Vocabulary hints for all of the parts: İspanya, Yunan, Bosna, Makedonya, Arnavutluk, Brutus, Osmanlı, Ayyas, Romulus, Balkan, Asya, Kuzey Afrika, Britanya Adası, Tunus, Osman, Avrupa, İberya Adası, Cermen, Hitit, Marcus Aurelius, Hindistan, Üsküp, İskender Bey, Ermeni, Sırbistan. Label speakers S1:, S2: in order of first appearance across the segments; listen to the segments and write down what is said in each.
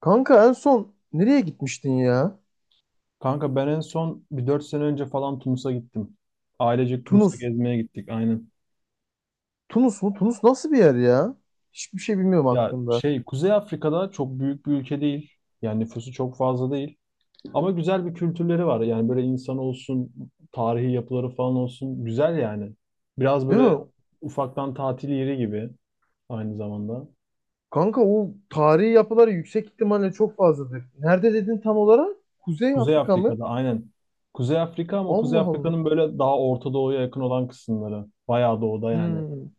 S1: Kanka en son nereye gitmiştin ya?
S2: Kanka ben en son bir 4 sene önce falan Tunus'a gittim. Ailecek Tunus'a
S1: Tunus.
S2: gezmeye gittik aynen.
S1: Tunus mu? Tunus nasıl bir yer ya? Hiçbir şey bilmiyorum
S2: Ya
S1: hakkında.
S2: şey Kuzey Afrika'da çok büyük bir ülke değil. Yani nüfusu çok fazla değil. Ama güzel bir kültürleri var. Yani böyle insan olsun, tarihi yapıları falan olsun. Güzel yani. Biraz
S1: Değil
S2: böyle
S1: mi?
S2: ufaktan tatil yeri gibi aynı zamanda.
S1: Kanka o tarihi yapıları yüksek ihtimalle çok fazladır. Nerede dedin tam olarak? Kuzey
S2: Kuzey
S1: Afrika mı?
S2: Afrika'da aynen. Kuzey Afrika ama Kuzey
S1: Allah Allah.
S2: Afrika'nın böyle daha Orta Doğu'ya yakın olan kısımları. Bayağı doğuda yani.
S1: Hmm.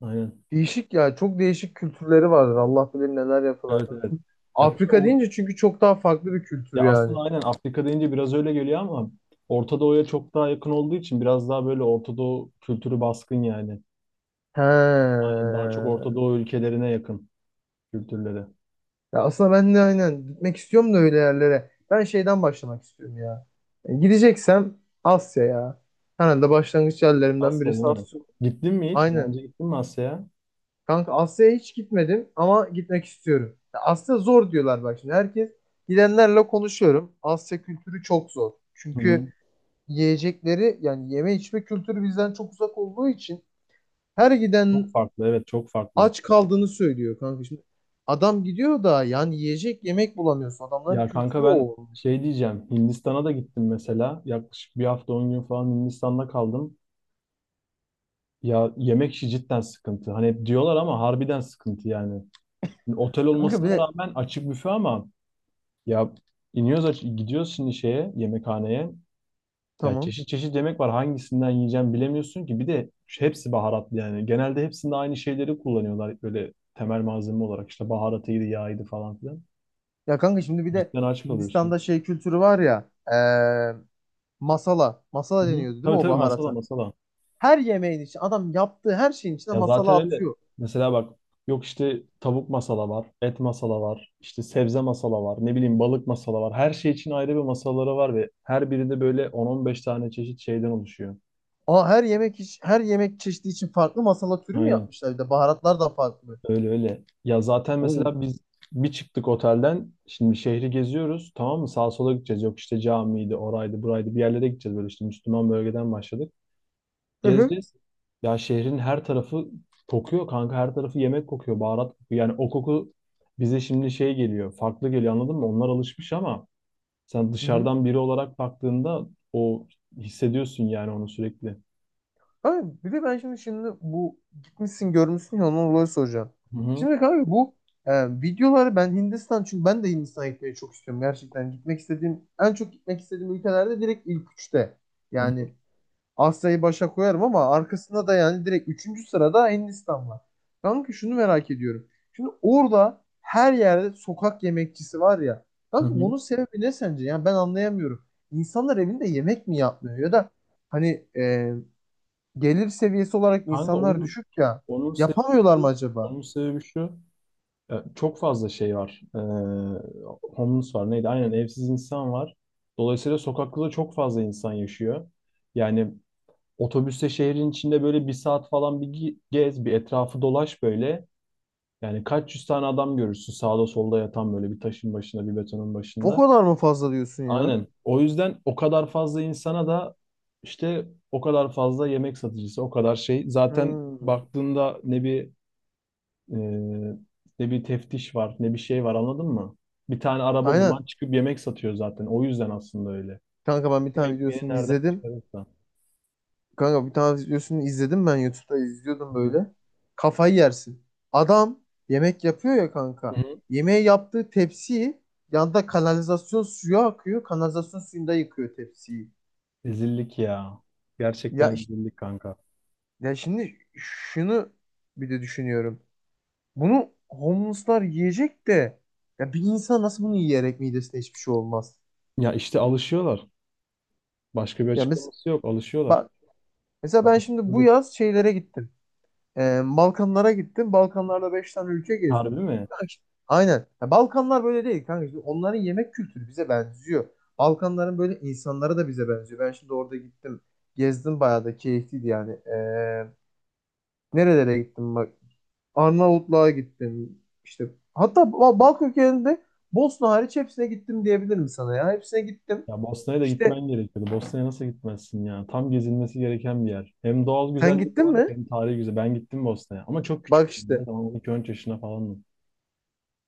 S2: Aynen.
S1: Değişik ya. Çok değişik kültürleri vardır. Allah bilir neler yapılar.
S2: Evet evet. Ya tabii
S1: Afrika
S2: or-
S1: deyince çünkü çok daha farklı bir
S2: Ya
S1: kültür yani.
S2: aslında aynen Afrika deyince biraz öyle geliyor ama Orta Doğu'ya çok daha yakın olduğu için biraz daha böyle Orta Doğu kültürü baskın yani. Aynen daha çok Orta
S1: He.
S2: Doğu ülkelerine yakın kültürleri.
S1: Ya aslında ben de aynen gitmek istiyorum da öyle yerlere. Ben şeyden başlamak istiyorum ya. E, gideceksem Asya ya. Herhalde başlangıç yerlerimden
S2: Asya değil
S1: birisi
S2: mi? Evet.
S1: Asya.
S2: Gittin mi hiç? Daha
S1: Aynen.
S2: önce gittin mi Asya'ya?
S1: Kanka Asya'ya hiç gitmedim ama gitmek istiyorum. Ya Asya zor diyorlar bak şimdi. Herkes gidenlerle konuşuyorum. Asya kültürü çok zor.
S2: Hı
S1: Çünkü
S2: hı.
S1: yiyecekleri yani yeme içme kültürü bizden çok uzak olduğu için her
S2: Çok
S1: giden
S2: farklı evet çok farklı.
S1: aç kaldığını söylüyor kanka. Şimdi adam gidiyor da yani yiyecek yemek bulamıyorsun. Adamların
S2: Ya kanka
S1: kültürü o.
S2: ben
S1: olmuş.
S2: şey diyeceğim Hindistan'a da gittim mesela. Yaklaşık bir hafta 10 gün falan Hindistan'da kaldım. Ya yemek işi cidden sıkıntı. Hani hep diyorlar ama harbiden sıkıntı yani. Otel
S1: Kanka
S2: olmasına
S1: bir de
S2: rağmen açık büfe ama ya iniyoruz aç gidiyoruz şimdi şeye yemekhaneye. Ya
S1: tamam.
S2: çeşit çeşit yemek var. Hangisinden yiyeceğim bilemiyorsun ki. Bir de hepsi baharatlı yani. Genelde hepsinde aynı şeyleri kullanıyorlar böyle temel malzeme olarak. İşte baharatıydı, yağıydı falan filan.
S1: Ya kanka şimdi bir de
S2: Cidden aç kalıyorsun.
S1: Hindistan'da şey kültürü var ya masala.
S2: Hı
S1: Masala
S2: hı.
S1: deniyordu değil mi
S2: Tabii
S1: o
S2: tabii masala
S1: baharata?
S2: masala.
S1: Her yemeğin için adam yaptığı her şeyin içine
S2: Ya zaten
S1: masala
S2: öyle.
S1: atıyor.
S2: Mesela bak yok işte tavuk masala var, et masala var, işte sebze masala var, ne bileyim balık masala var. Her şey için ayrı bir masaları var ve her birinde böyle on on beş tane çeşit şeyden oluşuyor.
S1: Aa her yemek çeşidi için farklı masala türü mü
S2: Aynen.
S1: yapmışlar bir de baharatlar da farklı.
S2: Öyle öyle. Ya zaten
S1: Oo.
S2: mesela biz bir çıktık otelden. Şimdi şehri geziyoruz. Tamam mı? Sağa sola gideceğiz. Yok işte camiydi, oraydı, buraydı. Bir yerlere gideceğiz böyle işte Müslüman bölgeden başladık.
S1: Hı hı.
S2: Gezeceğiz. Ya şehrin her tarafı kokuyor kanka. Her tarafı yemek kokuyor, baharat kokuyor. Yani o koku bize şimdi şey geliyor. Farklı geliyor anladın mı? Onlar alışmış ama sen
S1: Hı hı.
S2: dışarıdan biri olarak baktığında o hissediyorsun yani onu sürekli.
S1: Abi bir de ben şimdi bu gitmişsin görmüşsün ya ondan dolayı soracağım.
S2: Hı hı,
S1: Şimdi abi bu e, videoları ben Hindistan çünkü ben de Hindistan'a gitmeyi çok istiyorum gerçekten. Gitmek istediğim en çok gitmek istediğim ülkelerde direkt ilk üçte.
S2: hı hı,
S1: Yani Asya'yı başa koyarım ama arkasında da yani direkt üçüncü sırada Hindistan var. Kanka şunu merak ediyorum. Şimdi orada her yerde sokak yemekçisi var ya.
S2: hı
S1: Kanka
S2: hı.
S1: bunun sebebi ne sence? Yani ben anlayamıyorum. İnsanlar evinde yemek mi yapmıyor ya da hani gelir seviyesi olarak
S2: Kanka
S1: insanlar
S2: onun
S1: düşük ya.
S2: onun sebebi
S1: Yapamıyorlar mı
S2: şu,
S1: acaba?
S2: şu. Ya, çok fazla şey var. Homeless var. Neydi? Aynen evsiz insan var. Dolayısıyla sokakta da çok fazla insan yaşıyor. Yani otobüste şehrin içinde böyle bir saat falan gez, bir etrafı dolaş böyle. Yani kaç yüz tane adam görürsün sağda solda yatan böyle bir taşın başında, bir betonun
S1: O
S2: başında.
S1: kadar mı fazla diyorsun ya?
S2: Aynen. O yüzden o kadar fazla insana da işte o kadar fazla yemek satıcısı, o kadar şey. Zaten
S1: Hmm.
S2: baktığında ne bir ee, ne bir teftiş var, ne bir şey var anladın mı? Bir tane araba
S1: Aynen.
S2: bulan çıkıp yemek satıyor zaten. O yüzden aslında öyle.
S1: Kanka ben bir
S2: Kim
S1: tane
S2: ekmeğini
S1: videosunu
S2: nereden
S1: izledim.
S2: çıkarırsa.
S1: Kanka bir tane videosunu izledim, ben YouTube'da izliyordum
S2: Hı hı.
S1: böyle. Kafayı yersin. Adam yemek yapıyor ya
S2: Hı
S1: kanka.
S2: hı.
S1: Yemeği yaptığı tepsiyi, yanda kanalizasyon suyu akıyor. Kanalizasyon suyunda yıkıyor tepsiyi.
S2: Rezillik ya.
S1: Ya,
S2: Gerçekten rezillik kanka.
S1: ya şimdi şunu bir de düşünüyorum. Bunu homeless'lar yiyecek de ya bir insan nasıl bunu yiyerek midesine hiçbir şey olmaz.
S2: Ya işte alışıyorlar. Başka bir
S1: Ya mes
S2: açıklaması yok. Alışıyorlar.
S1: Bak mesela ben şimdi bu
S2: Alışıklılık.
S1: yaz şeylere gittim. Balkanlara gittim. Balkanlarda 5 tane ülke gezdim.
S2: Harbi mi?
S1: Aynen. Ya Balkanlar böyle değil kanka. Şimdi onların yemek kültürü bize benziyor. Balkanların böyle insanları da bize benziyor. Ben şimdi orada gittim. Gezdim, bayağı da keyifliydi yani. Nerelere gittim bak. Arnavutluğa gittim. İşte hatta Balkan ülkelerinde Bosna hariç hepsine gittim diyebilirim sana ya. Hepsine gittim.
S2: Ya Bosna'ya da
S1: İşte
S2: gitmen gerekiyordu. Bosna'ya nasıl gitmezsin ya? Tam gezilmesi gereken bir yer. Hem doğal
S1: sen
S2: güzellik
S1: gittin
S2: olarak
S1: mi?
S2: hem tarihi güzel. Ben gittim Bosna'ya. Ama çok
S1: Bak
S2: küçüktüm. Ne
S1: işte.
S2: zaman 12-13 yaşına falandım.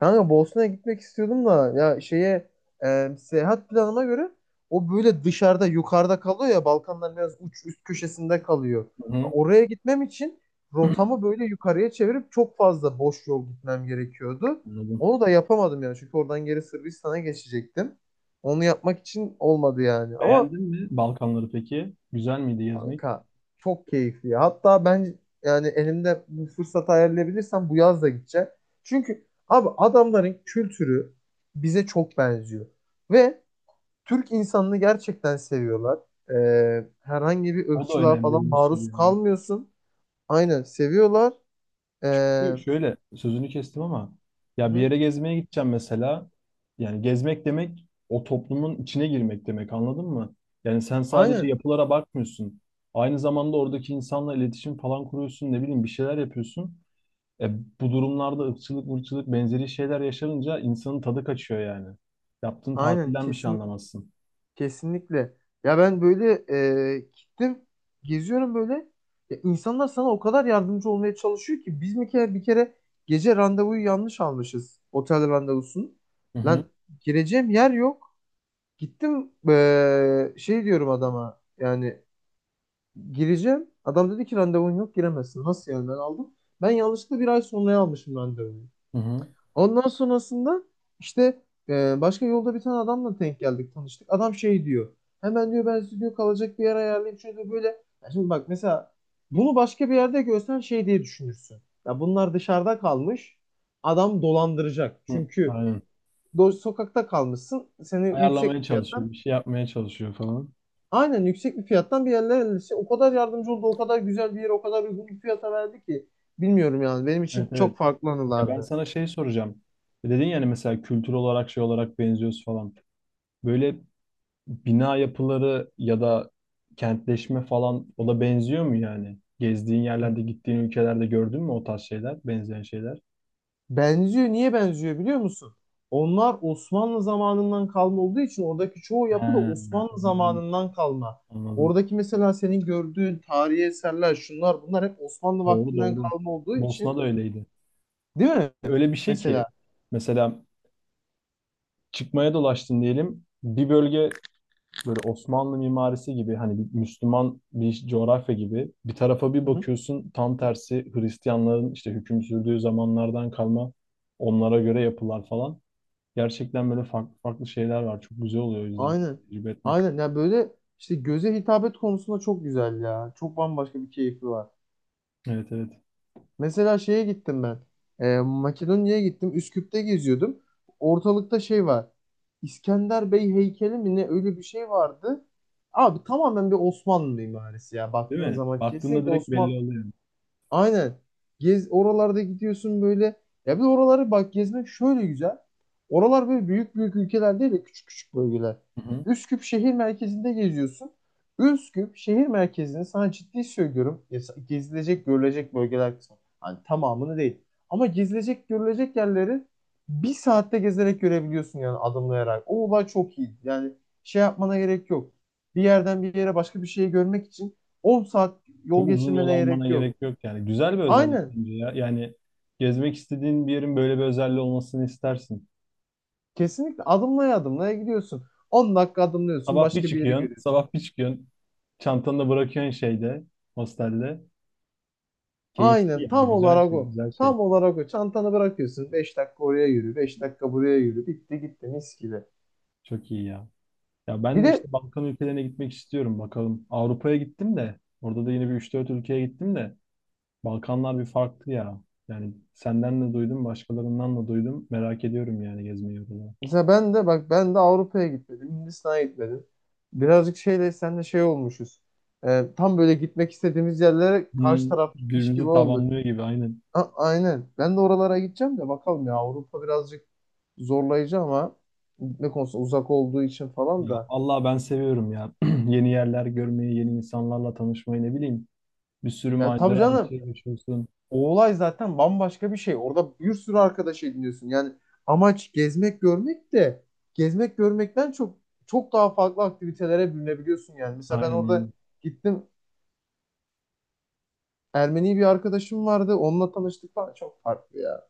S1: Kanka Bosna'ya gitmek istiyordum da ya şeye seyahat planıma göre o böyle dışarıda yukarıda kalıyor ya, Balkanlar biraz uç üst köşesinde kalıyor.
S2: Hı hı.
S1: Oraya gitmem için rotamı böyle yukarıya çevirip çok fazla boş yol gitmem gerekiyordu.
S2: Anladım.
S1: Onu da yapamadım yani, çünkü oradan geri Sırbistan'a geçecektim. Onu yapmak için olmadı yani ama
S2: Beğendin mi Balkanları peki? Güzel miydi gezmek?
S1: kanka çok keyifli ya. Hatta ben yani elimde bu fırsatı ayarlayabilirsem bu yaz da gideceğim. Çünkü abi adamların kültürü bize çok benziyor. Ve Türk insanını gerçekten seviyorlar. Herhangi bir
S2: O da
S1: ırkçılığa
S2: önemli
S1: falan
S2: bir unsur
S1: maruz
S2: yani.
S1: kalmıyorsun. Aynen seviyorlar. Ee,
S2: Çünkü şöyle sözünü kestim ama ya bir
S1: hı.
S2: yere gezmeye gideceğim mesela. Yani gezmek demek o toplumun içine girmek demek anladın mı? Yani sen sadece
S1: Aynen.
S2: yapılara bakmıyorsun. Aynı zamanda oradaki insanla iletişim falan kuruyorsun ne bileyim bir şeyler yapıyorsun. E, Bu durumlarda ırkçılık, mırçılık benzeri şeyler yaşanınca insanın tadı kaçıyor yani. Yaptığın
S1: Aynen.
S2: tatilden bir şey anlamazsın.
S1: Kesinlikle. Ya ben böyle gittim, geziyorum böyle. Ya insanlar sana o kadar yardımcı olmaya çalışıyor ki, biz bir kere, bir kere gece randevuyu yanlış almışız. Otel randevusunu.
S2: Hı hı.
S1: Lan gireceğim yer yok. Gittim, şey diyorum adama yani gireceğim. Adam dedi ki randevun yok, giremezsin. Nasıl yani, ben aldım. Ben yanlışlıkla bir ay sonraya almışım randevuyu.
S2: Hı hı.
S1: Ondan sonrasında işte başka yolda bir tane adamla denk geldik, tanıştık. Adam şey diyor. Hemen diyor ben size diyor kalacak bir yer ayarlayayım. Çünkü böyle, ya şimdi bak, mesela bunu başka bir yerde görsen şey diye düşünürsün. Ya bunlar dışarıda kalmış. Adam dolandıracak.
S2: Hı.
S1: Çünkü
S2: Aynen.
S1: sokakta kalmışsın. Seni yüksek
S2: Ayarlamaya
S1: bir fiyattan,
S2: çalışıyor, bir şey yapmaya çalışıyor falan.
S1: aynen yüksek bir fiyattan bir yerlere, işte o kadar yardımcı oldu, o kadar güzel bir yer, o kadar uygun bir fiyata verdi ki, bilmiyorum yani benim
S2: Evet
S1: için
S2: evet.
S1: çok farklı
S2: Ya ben
S1: anılardı.
S2: sana şey soracağım. Dedin yani mesela kültür olarak şey olarak benziyoruz falan. Böyle bina yapıları ya da kentleşme falan o da benziyor mu yani? Gezdiğin yerlerde, gittiğin ülkelerde gördün mü o tarz şeyler, benzeyen şeyler?
S1: Benziyor. Niye benziyor biliyor musun? Onlar Osmanlı zamanından kalma olduğu için oradaki çoğu
S2: He,
S1: yapı da Osmanlı
S2: anladım,
S1: zamanından kalma.
S2: anladım.
S1: Oradaki mesela senin gördüğün tarihi eserler, şunlar bunlar hep Osmanlı
S2: Doğru
S1: vaktinden
S2: doğru.
S1: kalma olduğu
S2: Bosna
S1: için,
S2: da öyleydi.
S1: değil mi?
S2: Öyle bir şey ki
S1: Mesela.
S2: mesela çıkmaya dolaştın diyelim. Bir bölge böyle Osmanlı mimarisi gibi hani bir Müslüman bir coğrafya gibi bir tarafa bir
S1: Hı hı.
S2: bakıyorsun tam tersi Hristiyanların işte hüküm sürdüğü zamanlardan kalma onlara göre yapılar falan. Gerçekten böyle farklı farklı şeyler var. Çok güzel oluyor o yüzden
S1: Aynen.
S2: tecrübe etmek.
S1: Aynen. Ya böyle işte göze hitabet konusunda çok güzel ya. Çok bambaşka bir keyfi var.
S2: Evet evet.
S1: Mesela şeye gittim ben. Makedonya'ya gittim. Üsküp'te geziyordum. Ortalıkta şey var. İskender Bey heykeli mi ne, öyle bir şey vardı. Abi tamamen bir Osmanlı mimarisi ya.
S2: Değil
S1: Baktığın
S2: mi?
S1: zaman
S2: Baktığında
S1: kesinlikle
S2: direkt belli oluyor.
S1: Aynen. Gez oralarda gidiyorsun böyle. Ya bir de oraları bak, gezmek şöyle güzel. Oralar böyle büyük büyük ülkeler değil de küçük küçük bölgeler.
S2: Hı hı.
S1: Üsküp şehir merkezinde geziyorsun. Üsküp şehir merkezini sana ciddi söylüyorum. Gezilecek, görülecek bölgeler kısmı. Hani tamamını değil. Ama gezilecek, görülecek yerleri bir saatte gezerek görebiliyorsun yani, adımlayarak. O olay çok iyi. Yani şey yapmana gerek yok. Bir yerden bir yere başka bir şeyi görmek için 10 saat yol
S2: Çok uzun yol
S1: geçirmene
S2: almana
S1: gerek yok.
S2: gerek yok yani. Güzel bir özellik
S1: Aynen.
S2: bence ya. Yani gezmek istediğin bir yerin böyle bir özelliği olmasını istersin.
S1: Kesinlikle adımlaya adımlaya gidiyorsun. 10 dakika adımlıyorsun,
S2: Sabah bir
S1: başka bir yeri
S2: çıkıyorsun,
S1: görüyorsun.
S2: sabah bir çıkıyorsun. Çantanı da bırakıyorsun şeyde, hostelde. Keyifli
S1: Aynen,
S2: ya,
S1: tam
S2: güzel
S1: olarak
S2: şey,
S1: o.
S2: güzel şey.
S1: Tam olarak o. Çantanı bırakıyorsun. 5 dakika oraya yürü, 5 dakika buraya yürü. Bitti gitti, mis gibi.
S2: Çok iyi ya. Ya
S1: Bir
S2: ben de
S1: de
S2: işte Balkan ülkelerine gitmek istiyorum bakalım. Avrupa'ya gittim de, orada da yine bir üç dört ülkeye gittim de. Balkanlar bir farklı ya. Yani senden de duydum, başkalarından da duydum. Merak ediyorum yani gezmeyi orada.
S1: mesela ben de bak, ben de Avrupa'ya gitmedim, Hindistan'a gitmedim. Birazcık şeyle, senle şey olmuşuz. Tam böyle gitmek istediğimiz yerlere karşı
S2: Hmm,
S1: taraf gitmiş gibi
S2: birbirimizi
S1: oldu.
S2: tamamlıyor gibi aynen.
S1: Aynen. Ben de oralara gideceğim de bakalım, ya Avrupa birazcık zorlayıcı ama, gitme konusunda uzak olduğu için falan
S2: Ya
S1: da.
S2: Allah ben seviyorum ya. Yeni yerler görmeyi, yeni insanlarla tanışmayı ne bileyim. Bir sürü
S1: Yani tabii
S2: macera, bir
S1: canım,
S2: şey yaşıyorsun.
S1: o olay zaten bambaşka bir şey. Orada bir sürü arkadaş ediniyorsun. Yani amaç gezmek görmek de, gezmek görmekten çok çok daha farklı aktivitelere bürünebiliyorsun yani. Mesela ben
S2: Aynen.
S1: orada
S2: Öyle.
S1: gittim, Ermeni bir arkadaşım vardı. Onunla tanıştık falan, çok farklı ya.